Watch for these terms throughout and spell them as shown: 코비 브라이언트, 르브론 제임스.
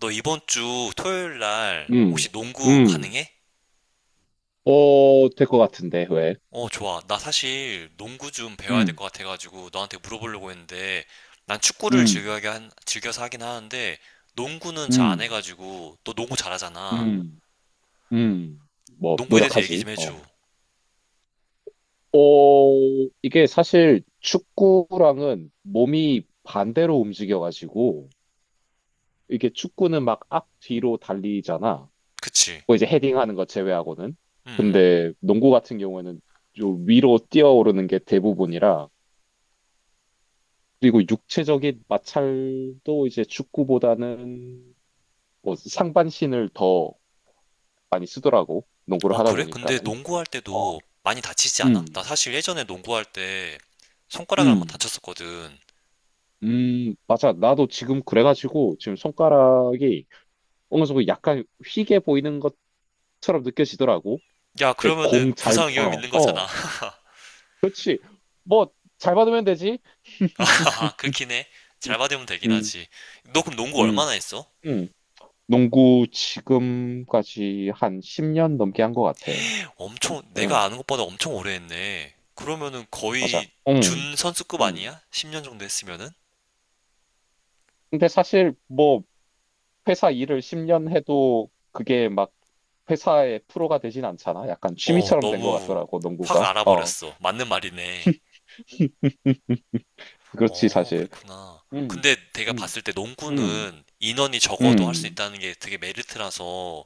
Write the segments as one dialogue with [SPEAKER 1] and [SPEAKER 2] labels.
[SPEAKER 1] 너 이번 주 토요일 날
[SPEAKER 2] 음,
[SPEAKER 1] 혹시 농구
[SPEAKER 2] 음,
[SPEAKER 1] 가능해?
[SPEAKER 2] 어, 될 것 같은데, 왜?
[SPEAKER 1] 어, 좋아. 나 사실 농구 좀 배워야 될 것
[SPEAKER 2] 음,
[SPEAKER 1] 같아가지고 너한테 물어보려고 했는데 난 축구를
[SPEAKER 2] 음,
[SPEAKER 1] 즐겨하게 즐겨서 하긴 하는데 농구는 잘 안
[SPEAKER 2] 음,
[SPEAKER 1] 해가지고 너 농구 잘하잖아.
[SPEAKER 2] 음, 뭐,
[SPEAKER 1] 농구에 대해서 얘기
[SPEAKER 2] 노력하지,
[SPEAKER 1] 좀
[SPEAKER 2] 어.
[SPEAKER 1] 해줘.
[SPEAKER 2] 어, 이게 사실 축구랑은 몸이 반대로 움직여가지고, 이게 축구는 막 앞, 뒤로 달리잖아.
[SPEAKER 1] 그치?
[SPEAKER 2] 뭐 이제 헤딩하는 거 제외하고는.
[SPEAKER 1] 음. 음.
[SPEAKER 2] 근데 농구 같은 경우에는 좀 위로 뛰어오르는 게 대부분이라, 그리고 육체적인 마찰도 이제 축구보다는 뭐 상반신을 더 많이 쓰더라고. 농구를
[SPEAKER 1] 어,
[SPEAKER 2] 하다
[SPEAKER 1] 그래? 근데
[SPEAKER 2] 보니까는.
[SPEAKER 1] 농구할
[SPEAKER 2] 어,
[SPEAKER 1] 때도 많이 다치지 않아? 나
[SPEAKER 2] 음,
[SPEAKER 1] 사실 예전에 농구할 때 손가락을 한번
[SPEAKER 2] 음,
[SPEAKER 1] 다쳤었거든.
[SPEAKER 2] 맞아. 나도 지금 그래가지고 지금 손가락이 어느 정도 약간 휘게 보이는 것처럼 느껴지더라고.
[SPEAKER 1] 야,
[SPEAKER 2] 근데
[SPEAKER 1] 그러면은
[SPEAKER 2] 공
[SPEAKER 1] 부상 위험 있는 거잖아.
[SPEAKER 2] 뭐, 잘 받으면 되지.
[SPEAKER 1] 하하, 그렇긴 해. 잘 받으면 되긴
[SPEAKER 2] 음.
[SPEAKER 1] 하지. 너 그럼 농구
[SPEAKER 2] 음.
[SPEAKER 1] 얼마나 했어?
[SPEAKER 2] 음. 농구 지금까지 한 10년 넘게 한 것 같아.
[SPEAKER 1] 엄청, 내가
[SPEAKER 2] 응,
[SPEAKER 1] 아는 것보다 엄청 오래 했네. 그러면은
[SPEAKER 2] 맞아.
[SPEAKER 1] 거의
[SPEAKER 2] 응,
[SPEAKER 1] 준 선수급
[SPEAKER 2] 응.
[SPEAKER 1] 아니야? 10년 정도 했으면은?
[SPEAKER 2] 근데 사실 뭐 회사 일을 10년 해도 그게 막 회사의 프로가 되진 않잖아. 약간
[SPEAKER 1] 어,
[SPEAKER 2] 취미처럼 된 것
[SPEAKER 1] 너무
[SPEAKER 2] 같더라고,
[SPEAKER 1] 확
[SPEAKER 2] 농구가. 어,
[SPEAKER 1] 알아버렸어. 맞는 말이네.
[SPEAKER 2] 그렇지,
[SPEAKER 1] 어,
[SPEAKER 2] 사실.
[SPEAKER 1] 그랬구나.
[SPEAKER 2] 음,
[SPEAKER 1] 근데 내가
[SPEAKER 2] 음,
[SPEAKER 1] 봤을 때
[SPEAKER 2] 음,
[SPEAKER 1] 농구는 인원이 적어도 할 수
[SPEAKER 2] 음,
[SPEAKER 1] 있다는 게 되게 메리트라서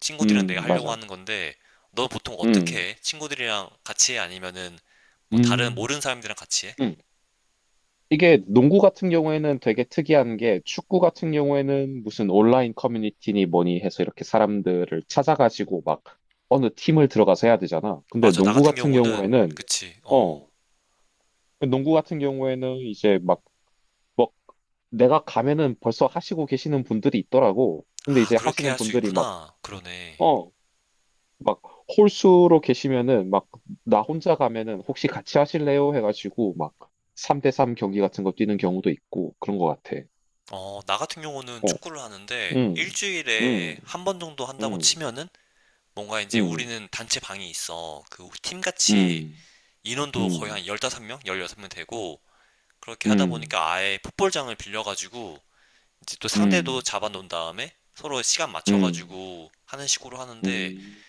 [SPEAKER 1] 친구들이랑 내가 하려고
[SPEAKER 2] 맞아.
[SPEAKER 1] 하는 건데, 너 보통
[SPEAKER 2] 음.
[SPEAKER 1] 어떻게 해? 친구들이랑 같이 해? 아니면은 뭐 다른
[SPEAKER 2] 음.
[SPEAKER 1] 모르는 사람들이랑 같이 해?
[SPEAKER 2] 음. 이게 농구 같은 경우에는 되게 특이한 게 축구 같은 경우에는 무슨 온라인 커뮤니티니 뭐니 해서 이렇게 사람들을 찾아가지고 막 어느 팀을 들어가서 해야 되잖아. 근데
[SPEAKER 1] 맞아. 나
[SPEAKER 2] 농구
[SPEAKER 1] 같은
[SPEAKER 2] 같은
[SPEAKER 1] 경우는
[SPEAKER 2] 경우에는,
[SPEAKER 1] 그치. 어.
[SPEAKER 2] 어,
[SPEAKER 1] 어.
[SPEAKER 2] 농구 같은 경우에는 이제 막 내가 가면은 벌써 하시고 계시는 분들이 있더라고. 근데
[SPEAKER 1] 아,
[SPEAKER 2] 이제
[SPEAKER 1] 그렇게
[SPEAKER 2] 하시는
[SPEAKER 1] 할 수
[SPEAKER 2] 분들이 막,
[SPEAKER 1] 있구나. 그러네.
[SPEAKER 2] 어, 막 홀수로 계시면은 막 나 혼자 가면은 혹시 같이 하실래요? 해가지고 막 3대3 경기 같은 거 뛰는 경우도 있고 그런 것 같아.
[SPEAKER 1] 어, 나 같은 경우는
[SPEAKER 2] 어,
[SPEAKER 1] 축구를 하는데
[SPEAKER 2] 음, 음,
[SPEAKER 1] 일주일에 한 번 정도 한다고
[SPEAKER 2] 음,
[SPEAKER 1] 치면은 뭔가 이제
[SPEAKER 2] 음,
[SPEAKER 1] 우리는 단체 방이 있어. 그 팀같이
[SPEAKER 2] 음,
[SPEAKER 1] 인원도 거의
[SPEAKER 2] 음,
[SPEAKER 1] 한 15명, 16명 되고 그렇게 하다
[SPEAKER 2] 음,
[SPEAKER 1] 보니까 아예 풋볼장을 빌려가지고 이제 또 상대도
[SPEAKER 2] 음,
[SPEAKER 1] 잡아 놓은 다음에 서로 시간
[SPEAKER 2] 음,
[SPEAKER 1] 맞춰가지고 하는 식으로 하는데
[SPEAKER 2] 음,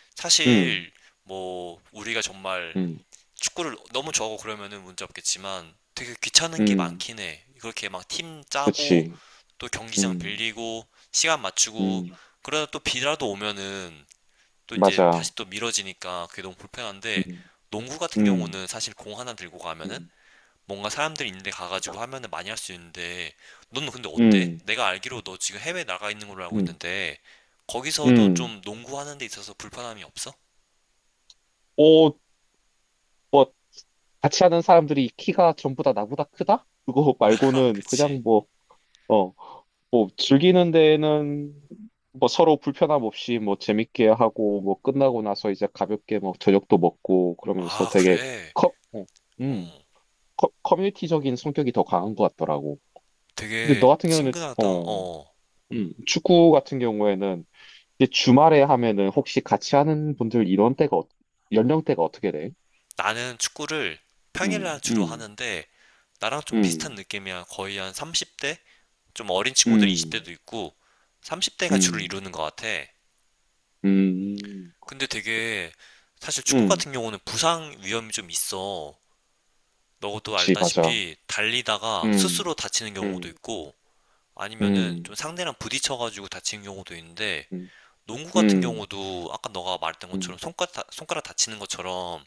[SPEAKER 2] 음,
[SPEAKER 1] 사실 뭐 우리가 정말
[SPEAKER 2] 음,
[SPEAKER 1] 축구를 너무 좋아하고 그러면은 문제 없겠지만 되게 귀찮은 게
[SPEAKER 2] 음,
[SPEAKER 1] 많긴 해. 그렇게 막 팀 짜고
[SPEAKER 2] 그치.
[SPEAKER 1] 또 경기장
[SPEAKER 2] 음,
[SPEAKER 1] 빌리고 시간 맞추고
[SPEAKER 2] 음,
[SPEAKER 1] 그러다 또 비라도 오면은 또 이제
[SPEAKER 2] 맞아.
[SPEAKER 1] 다시 또 미뤄지니까 그게 너무 불편한데
[SPEAKER 2] 음.
[SPEAKER 1] 농구 같은
[SPEAKER 2] 음.
[SPEAKER 1] 경우는 사실 공 하나 들고 가면은
[SPEAKER 2] 음.
[SPEAKER 1] 뭔가 사람들 있는데 가가지고 하면은 많이 할 수 있는데 너는 근데 어때?
[SPEAKER 2] 음.
[SPEAKER 1] 내가 알기로 너 지금 해외 나가 있는 걸로 알고
[SPEAKER 2] 음.
[SPEAKER 1] 있는데 거기서도
[SPEAKER 2] 음.
[SPEAKER 1] 좀 농구하는 데 있어서 불편함이 없어?
[SPEAKER 2] 어, 같이 하는 사람들이 키가 전부 다 나보다 크다? 그거
[SPEAKER 1] 나,
[SPEAKER 2] 말고는
[SPEAKER 1] 그치.
[SPEAKER 2] 그냥 뭐, 어, 뭐, 즐기는 데에는 뭐 서로 불편함 없이 뭐 재밌게 하고 뭐 끝나고 나서 이제 가볍게 뭐 저녁도 먹고 그러면서
[SPEAKER 1] 아,
[SPEAKER 2] 되게
[SPEAKER 1] 그래.
[SPEAKER 2] 커, 어, 음,
[SPEAKER 1] 어.
[SPEAKER 2] 커뮤니티적인 성격이 더 강한 것 같더라고. 근데
[SPEAKER 1] 되게
[SPEAKER 2] 너 같은 경우는,
[SPEAKER 1] 친근하다. 어, 어.
[SPEAKER 2] 축구 같은 경우에는 이제 주말에 하면은 혹시 같이 하는 분들 이런 때가, 연령대가 어떻게 돼?
[SPEAKER 1] 나는 축구를 평일날
[SPEAKER 2] 음.
[SPEAKER 1] 주로
[SPEAKER 2] 음.
[SPEAKER 1] 하는데, 나랑 좀 비슷한
[SPEAKER 2] 음.
[SPEAKER 1] 느낌이야. 거의 한 30대? 좀 어린 친구들
[SPEAKER 2] 음,
[SPEAKER 1] 20대도 있고, 30대가 주를
[SPEAKER 2] 음,
[SPEAKER 1] 이루는 것 같아.
[SPEAKER 2] 음,
[SPEAKER 1] 근데 되게, 사실 축구
[SPEAKER 2] 음,
[SPEAKER 1] 같은 경우는 부상 위험이 좀 있어. 너도
[SPEAKER 2] 맞아.
[SPEAKER 1] 알다시피, 달리다가
[SPEAKER 2] 음.
[SPEAKER 1] 스스로 다치는 경우도
[SPEAKER 2] 음.
[SPEAKER 1] 있고, 아니면은 좀
[SPEAKER 2] 음.
[SPEAKER 1] 상대랑 부딪혀가지고 다치는 경우도 있는데,
[SPEAKER 2] 음.
[SPEAKER 1] 농구 같은
[SPEAKER 2] 음.
[SPEAKER 1] 경우도 아까 너가 말했던 것처럼
[SPEAKER 2] 음.
[SPEAKER 1] 손가락, 손가락 다치는 것처럼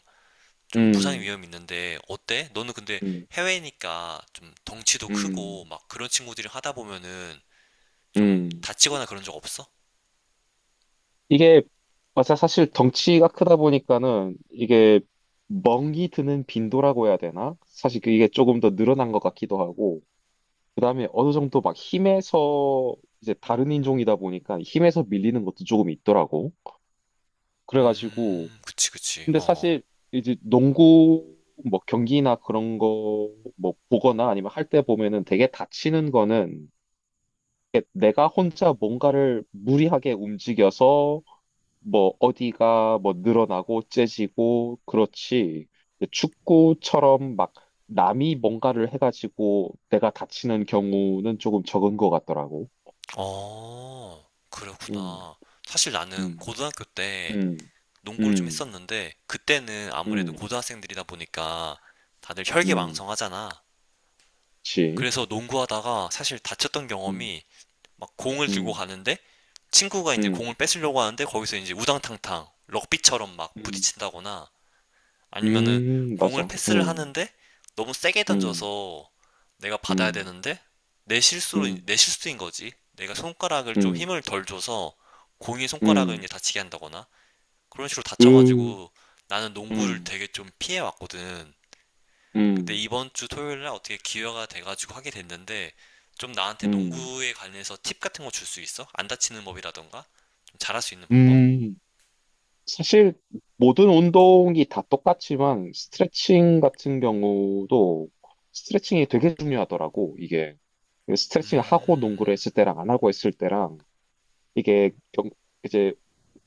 [SPEAKER 1] 좀 부상의
[SPEAKER 2] 음.
[SPEAKER 1] 위험이 있는데 어때? 너는 근데
[SPEAKER 2] 음.
[SPEAKER 1] 해외니까 좀 덩치도 크고
[SPEAKER 2] 음.
[SPEAKER 1] 막 그런 친구들이 하다 보면은 좀
[SPEAKER 2] 음.
[SPEAKER 1] 다치거나 그런 적 없어?
[SPEAKER 2] 이게, 맞아. 사실 덩치가 크다 보니까는 이게 멍이 드는 빈도라고 해야 되나? 사실 그게 조금 더 늘어난 것 같기도 하고, 그 다음에 어느 정도 막 힘에서 이제 다른 인종이다 보니까 힘에서 밀리는 것도 조금 있더라고. 그래가지고,
[SPEAKER 1] 그치, 그치.
[SPEAKER 2] 근데
[SPEAKER 1] 어.
[SPEAKER 2] 사실 이제 농구 뭐 경기나 그런 거 뭐 보거나 아니면 할 때 보면은 되게 다치는 거는 내가 혼자 뭔가를 무리하게 움직여서 뭐 어디가 뭐 늘어나고 째지고 그렇지. 근데 축구처럼 막 남이 뭔가를 해가지고 내가 다치는 경우는 조금 적은 것 같더라고.
[SPEAKER 1] 어, 어,
[SPEAKER 2] 음,
[SPEAKER 1] 그렇구나. 사실 나는
[SPEAKER 2] 음,
[SPEAKER 1] 고등학교 때
[SPEAKER 2] 음,
[SPEAKER 1] 농구를 좀
[SPEAKER 2] 음,
[SPEAKER 1] 했었는데 그때는 아무래도
[SPEAKER 2] 음,
[SPEAKER 1] 고등학생들이다 보니까 다들
[SPEAKER 2] 음,
[SPEAKER 1] 혈기왕성하잖아.
[SPEAKER 2] 그치.
[SPEAKER 1] 그래서 농구하다가 사실 다쳤던
[SPEAKER 2] 음.
[SPEAKER 1] 경험이 막 공을 들고
[SPEAKER 2] 음.
[SPEAKER 1] 가는데 친구가 이제
[SPEAKER 2] 음.
[SPEAKER 1] 공을 뺏으려고 하는데 거기서 이제 우당탕탕 럭비처럼 막
[SPEAKER 2] 음.
[SPEAKER 1] 부딪힌다거나 아니면은 공을
[SPEAKER 2] 맞아.
[SPEAKER 1] 패스를
[SPEAKER 2] 음.
[SPEAKER 1] 하는데 너무 세게
[SPEAKER 2] 음.
[SPEAKER 1] 던져서 내가 받아야
[SPEAKER 2] 음.
[SPEAKER 1] 되는데 내 실수로
[SPEAKER 2] 음.
[SPEAKER 1] 내 실수인 거지. 내가 손가락을 좀
[SPEAKER 2] 음.
[SPEAKER 1] 힘을 덜 줘서 공이 손가락을 이제
[SPEAKER 2] 음.
[SPEAKER 1] 다치게 한다거나 그런 식으로
[SPEAKER 2] 음.
[SPEAKER 1] 다쳐가지고 나는 농구를
[SPEAKER 2] 음.
[SPEAKER 1] 되게 좀 피해 왔거든. 근데
[SPEAKER 2] 음.
[SPEAKER 1] 이번 주 토요일 날 어떻게 기회가 돼가지고 하게 됐는데 좀 나한테
[SPEAKER 2] 음.
[SPEAKER 1] 농구에 관해서 팁 같은 거 줄 수 있어? 안 다치는 법이라던가? 좀 잘할 수 있는 방법?
[SPEAKER 2] 음. 사실 모든 운동이 다 똑같지만 스트레칭 같은 경우도 스트레칭이 되게 중요하더라고. 이게 스트레칭을 하고
[SPEAKER 1] 음,
[SPEAKER 2] 농구를 했을 때랑 안 하고 했을 때랑 이게 경, 이제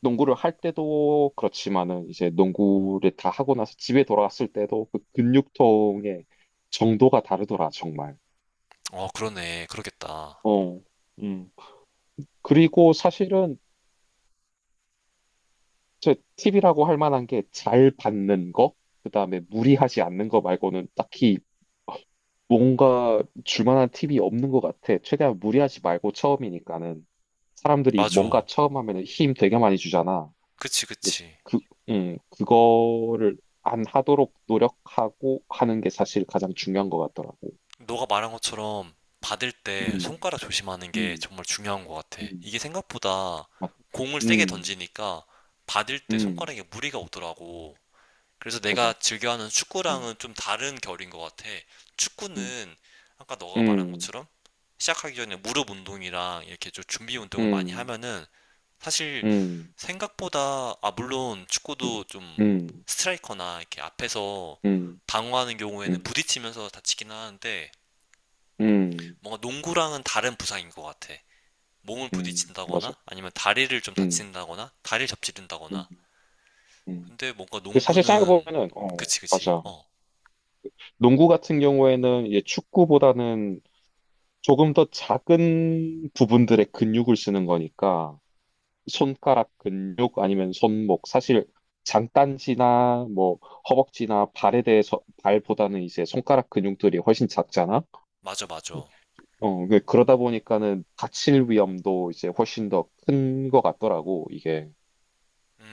[SPEAKER 2] 농구를 할 때도 그렇지만은 이제 농구를 다 하고 나서 집에 돌아왔을 때도 그 근육통의 정도가 다르더라, 정말.
[SPEAKER 1] 어, 그러네. 그러겠다.
[SPEAKER 2] 어. 음. 그리고 사실은 저 팁이라고 할 만한 게 잘 받는 거, 그다음에 무리하지 않는 거 말고는 딱히 뭔가 줄 만한 팁이 없는 것 같아. 최대한 무리하지 말고 처음이니까는 사람들이 뭔가
[SPEAKER 1] 맞아.
[SPEAKER 2] 처음 하면은 힘 되게 많이 주잖아.
[SPEAKER 1] 그치,
[SPEAKER 2] 이제
[SPEAKER 1] 그치.
[SPEAKER 2] 그, 그거를 안 하도록 노력하고 하는 게 사실 가장 중요한 것 같더라고.
[SPEAKER 1] 너가 말한 것처럼 받을 때
[SPEAKER 2] 음,
[SPEAKER 1] 손가락 조심하는 게
[SPEAKER 2] 음,
[SPEAKER 1] 정말 중요한 것 같아.
[SPEAKER 2] 음,
[SPEAKER 1] 이게 생각보다
[SPEAKER 2] 맞,
[SPEAKER 1] 공을 세게
[SPEAKER 2] 음,
[SPEAKER 1] 던지니까 받을 때
[SPEAKER 2] 음,
[SPEAKER 1] 손가락에 무리가 오더라고. 그래서 내가
[SPEAKER 2] 맞아.
[SPEAKER 1] 즐겨하는
[SPEAKER 2] 음,
[SPEAKER 1] 축구랑은 좀 다른 결인 것 같아.
[SPEAKER 2] 음,
[SPEAKER 1] 축구는 아까 너가 말한
[SPEAKER 2] 음,
[SPEAKER 1] 것처럼 시작하기 전에 무릎 운동이랑 이렇게 좀 준비 운동을 많이
[SPEAKER 2] 음,
[SPEAKER 1] 하면은 사실
[SPEAKER 2] 음,
[SPEAKER 1] 생각보다 아 물론
[SPEAKER 2] 음,
[SPEAKER 1] 축구도 좀
[SPEAKER 2] 음,
[SPEAKER 1] 스트라이커나 이렇게 앞에서
[SPEAKER 2] 음,
[SPEAKER 1] 방어하는 경우에는
[SPEAKER 2] 음,
[SPEAKER 1] 부딪히면서 다치긴 하는데
[SPEAKER 2] 음,
[SPEAKER 1] 뭔가 농구랑은 다른 부상인 것 같아. 몸을
[SPEAKER 2] 맞아.
[SPEAKER 1] 부딪힌다거나 아니면 다리를 좀
[SPEAKER 2] 음.
[SPEAKER 1] 다친다거나 다리를
[SPEAKER 2] 음.
[SPEAKER 1] 접지른다거나.
[SPEAKER 2] 음.
[SPEAKER 1] 근데 뭔가
[SPEAKER 2] 근데 사실
[SPEAKER 1] 농구는
[SPEAKER 2] 생각해보면은, 어,
[SPEAKER 1] 그치 그치.
[SPEAKER 2] 맞아.
[SPEAKER 1] 어
[SPEAKER 2] 농구 같은 경우에는 이제 축구보다는 조금 더 작은 부분들의 근육을 쓰는 거니까, 손가락 근육 아니면 손목 사실 장딴지나 뭐 허벅지나 발에 대해서 발보다는 이제 손가락 근육들이 훨씬 작잖아.
[SPEAKER 1] 맞아, 맞아.
[SPEAKER 2] 어, 그러다 보니까는 다칠 위험도 이제 훨씬 더 큰 것 같더라고. 이게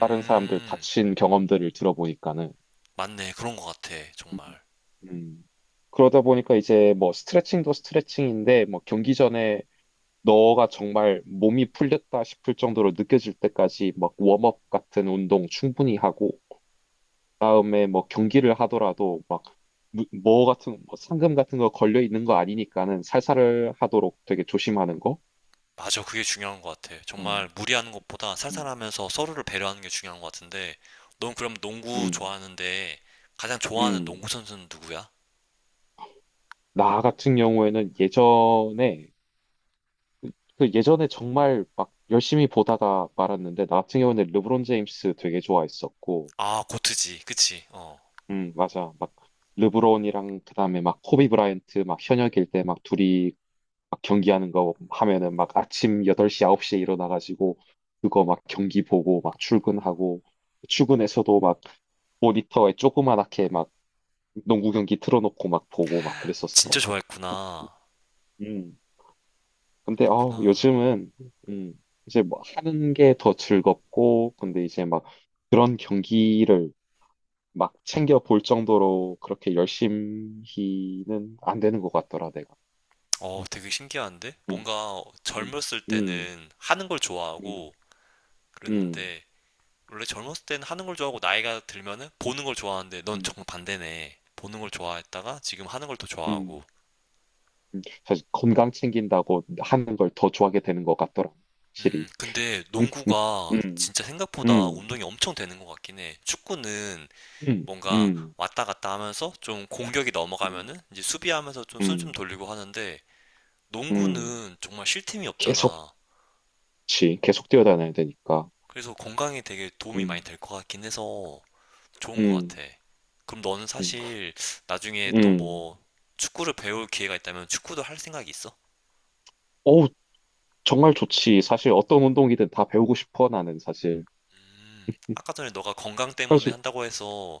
[SPEAKER 2] 다른 사람들 다친 경험들을 들어보니까는.
[SPEAKER 1] 맞네. 그런 것 같아.
[SPEAKER 2] 음.
[SPEAKER 1] 정말.
[SPEAKER 2] 음. 그러다 보니까 이제 뭐 스트레칭도 스트레칭인데 뭐 경기 전에 너가 정말 몸이 풀렸다 싶을 정도로 느껴질 때까지 막 웜업 같은 운동 충분히 하고 그다음에 뭐 경기를 하더라도 막 뭐 같은 뭐 상금 같은 거 걸려 있는 거 아니니까는 살살을 하도록 되게 조심하는 거.
[SPEAKER 1] 맞아. 그게 중요한 것 같아. 정말
[SPEAKER 2] 음.
[SPEAKER 1] 무리하는 것보다
[SPEAKER 2] 음.
[SPEAKER 1] 살살하면서 서로를 배려하는 게 중요한 것 같은데, 넌 그럼 농구
[SPEAKER 2] 음.
[SPEAKER 1] 좋아하는데, 가장 좋아하는
[SPEAKER 2] 음.
[SPEAKER 1] 농구 선수는 누구야?
[SPEAKER 2] 나 같은 경우에는 예전에 정말 막 열심히 보다가 말았는데 나 같은 경우에는 르브론 제임스 되게 좋아했었고
[SPEAKER 1] 아, 고트지. 그치? 어.
[SPEAKER 2] 맞아. 막 르브론이랑 그다음에 막 코비 브라이언트 막 현역일 때 막 둘이 막 경기하는 거 하면은 막 아침 8시 9시에 일어나 가지고 그거 막 경기 보고 막 출근하고 출근해서도 막 모니터에 조그만하게 막 농구 경기 틀어놓고 막 보고 막 그랬었어.
[SPEAKER 1] 진짜 좋아했구나.
[SPEAKER 2] 음. 근데
[SPEAKER 1] 구나.
[SPEAKER 2] 요즘은 음 이제 뭐 하는 게 더 즐겁고 근데 이제 막 그런 경기를 막 챙겨 볼 정도로 그렇게 열심히는 안 되는 것 같더라, 내가.
[SPEAKER 1] 어, 되게 신기한데?
[SPEAKER 2] 음.
[SPEAKER 1] 뭔가
[SPEAKER 2] 음.
[SPEAKER 1] 젊었을
[SPEAKER 2] 음.
[SPEAKER 1] 때는 하는 걸
[SPEAKER 2] 음.
[SPEAKER 1] 좋아하고,
[SPEAKER 2] 음.
[SPEAKER 1] 그랬는데, 원래 젊었을 땐 하는 걸 좋아하고 나이가 들면은 보는 걸 좋아하는데 넌
[SPEAKER 2] 음.
[SPEAKER 1] 정반대네. 보는 걸 좋아했다가 지금 하는 걸 더
[SPEAKER 2] 음.
[SPEAKER 1] 좋아하고.
[SPEAKER 2] 음. 사실 건강 챙긴다고 하는 걸 더 좋아하게 되는 것 같더라, 확실히.
[SPEAKER 1] 근데
[SPEAKER 2] 음.
[SPEAKER 1] 농구가
[SPEAKER 2] 음.
[SPEAKER 1] 진짜 생각보다
[SPEAKER 2] 음.
[SPEAKER 1] 운동이 엄청 되는 것 같긴 해. 축구는
[SPEAKER 2] 음.
[SPEAKER 1] 뭔가
[SPEAKER 2] 음.
[SPEAKER 1] 왔다 갔다 하면서 좀 공격이
[SPEAKER 2] 음.
[SPEAKER 1] 넘어가면은 이제 수비하면서 좀 숨
[SPEAKER 2] 음.
[SPEAKER 1] 좀
[SPEAKER 2] 음.
[SPEAKER 1] 돌리고 하는데
[SPEAKER 2] 음.
[SPEAKER 1] 농구는 정말 쉴 틈이
[SPEAKER 2] 계속,
[SPEAKER 1] 없잖아.
[SPEAKER 2] 계속 뛰어다녀야 되니까.
[SPEAKER 1] 그래서 건강에 되게 도움이 많이
[SPEAKER 2] 음.
[SPEAKER 1] 될 것 같긴 해서 좋은 것
[SPEAKER 2] 음.
[SPEAKER 1] 같아. 그럼 너는
[SPEAKER 2] 음.
[SPEAKER 1] 사실 나중에 또
[SPEAKER 2] 음.
[SPEAKER 1] 뭐 축구를 배울 기회가 있다면 축구도 할 생각이 있어?
[SPEAKER 2] 어우, 정말 좋지. 사실 어떤 운동이든 다 배우고 싶어, 나는 사실.
[SPEAKER 1] 아까 전에 너가 건강 때문에
[SPEAKER 2] 그래가지고,
[SPEAKER 1] 한다고 해서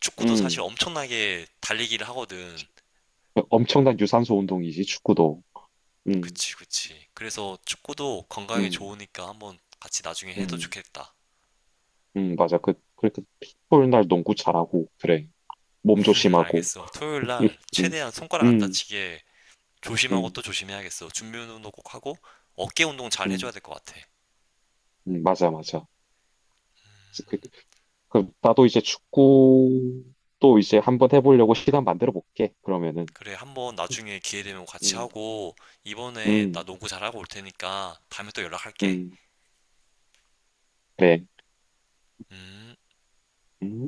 [SPEAKER 1] 축구도 사실
[SPEAKER 2] 음.
[SPEAKER 1] 엄청나게 달리기를 하거든.
[SPEAKER 2] 엄청난 유산소 운동이지, 축구도. 음,
[SPEAKER 1] 그치, 그치. 그래서 축구도 건강에
[SPEAKER 2] 음,
[SPEAKER 1] 좋으니까 한번 같이 나중에 해도
[SPEAKER 2] 음,
[SPEAKER 1] 좋겠다.
[SPEAKER 2] 맞아. 그렇게 풋볼 날 농구 잘하고, 그래. 몸 조심하고.
[SPEAKER 1] 알겠어. 토요일
[SPEAKER 2] 음,
[SPEAKER 1] 날
[SPEAKER 2] 음,
[SPEAKER 1] 최대한 손가락 안
[SPEAKER 2] 음,
[SPEAKER 1] 다치게 조심하고
[SPEAKER 2] 음,
[SPEAKER 1] 또 조심해야겠어. 준비 운동도 꼭 하고 어깨 운동 잘 해줘야
[SPEAKER 2] 음,
[SPEAKER 1] 될 것 같아.
[SPEAKER 2] 맞아, 맞아. 그, 그, 나도 이제 축구도 이제 한번 해보려고 시간 만들어 볼게, 그러면은.
[SPEAKER 1] 그래, 한번
[SPEAKER 2] 음,
[SPEAKER 1] 나중에 기회 되면 같이
[SPEAKER 2] 음,
[SPEAKER 1] 하고, 이번에 나
[SPEAKER 2] 음,
[SPEAKER 1] 농구 잘하고 올 테니까 다음에 또 연락할게.
[SPEAKER 2] 음, 그래.
[SPEAKER 1] 음.
[SPEAKER 2] 음.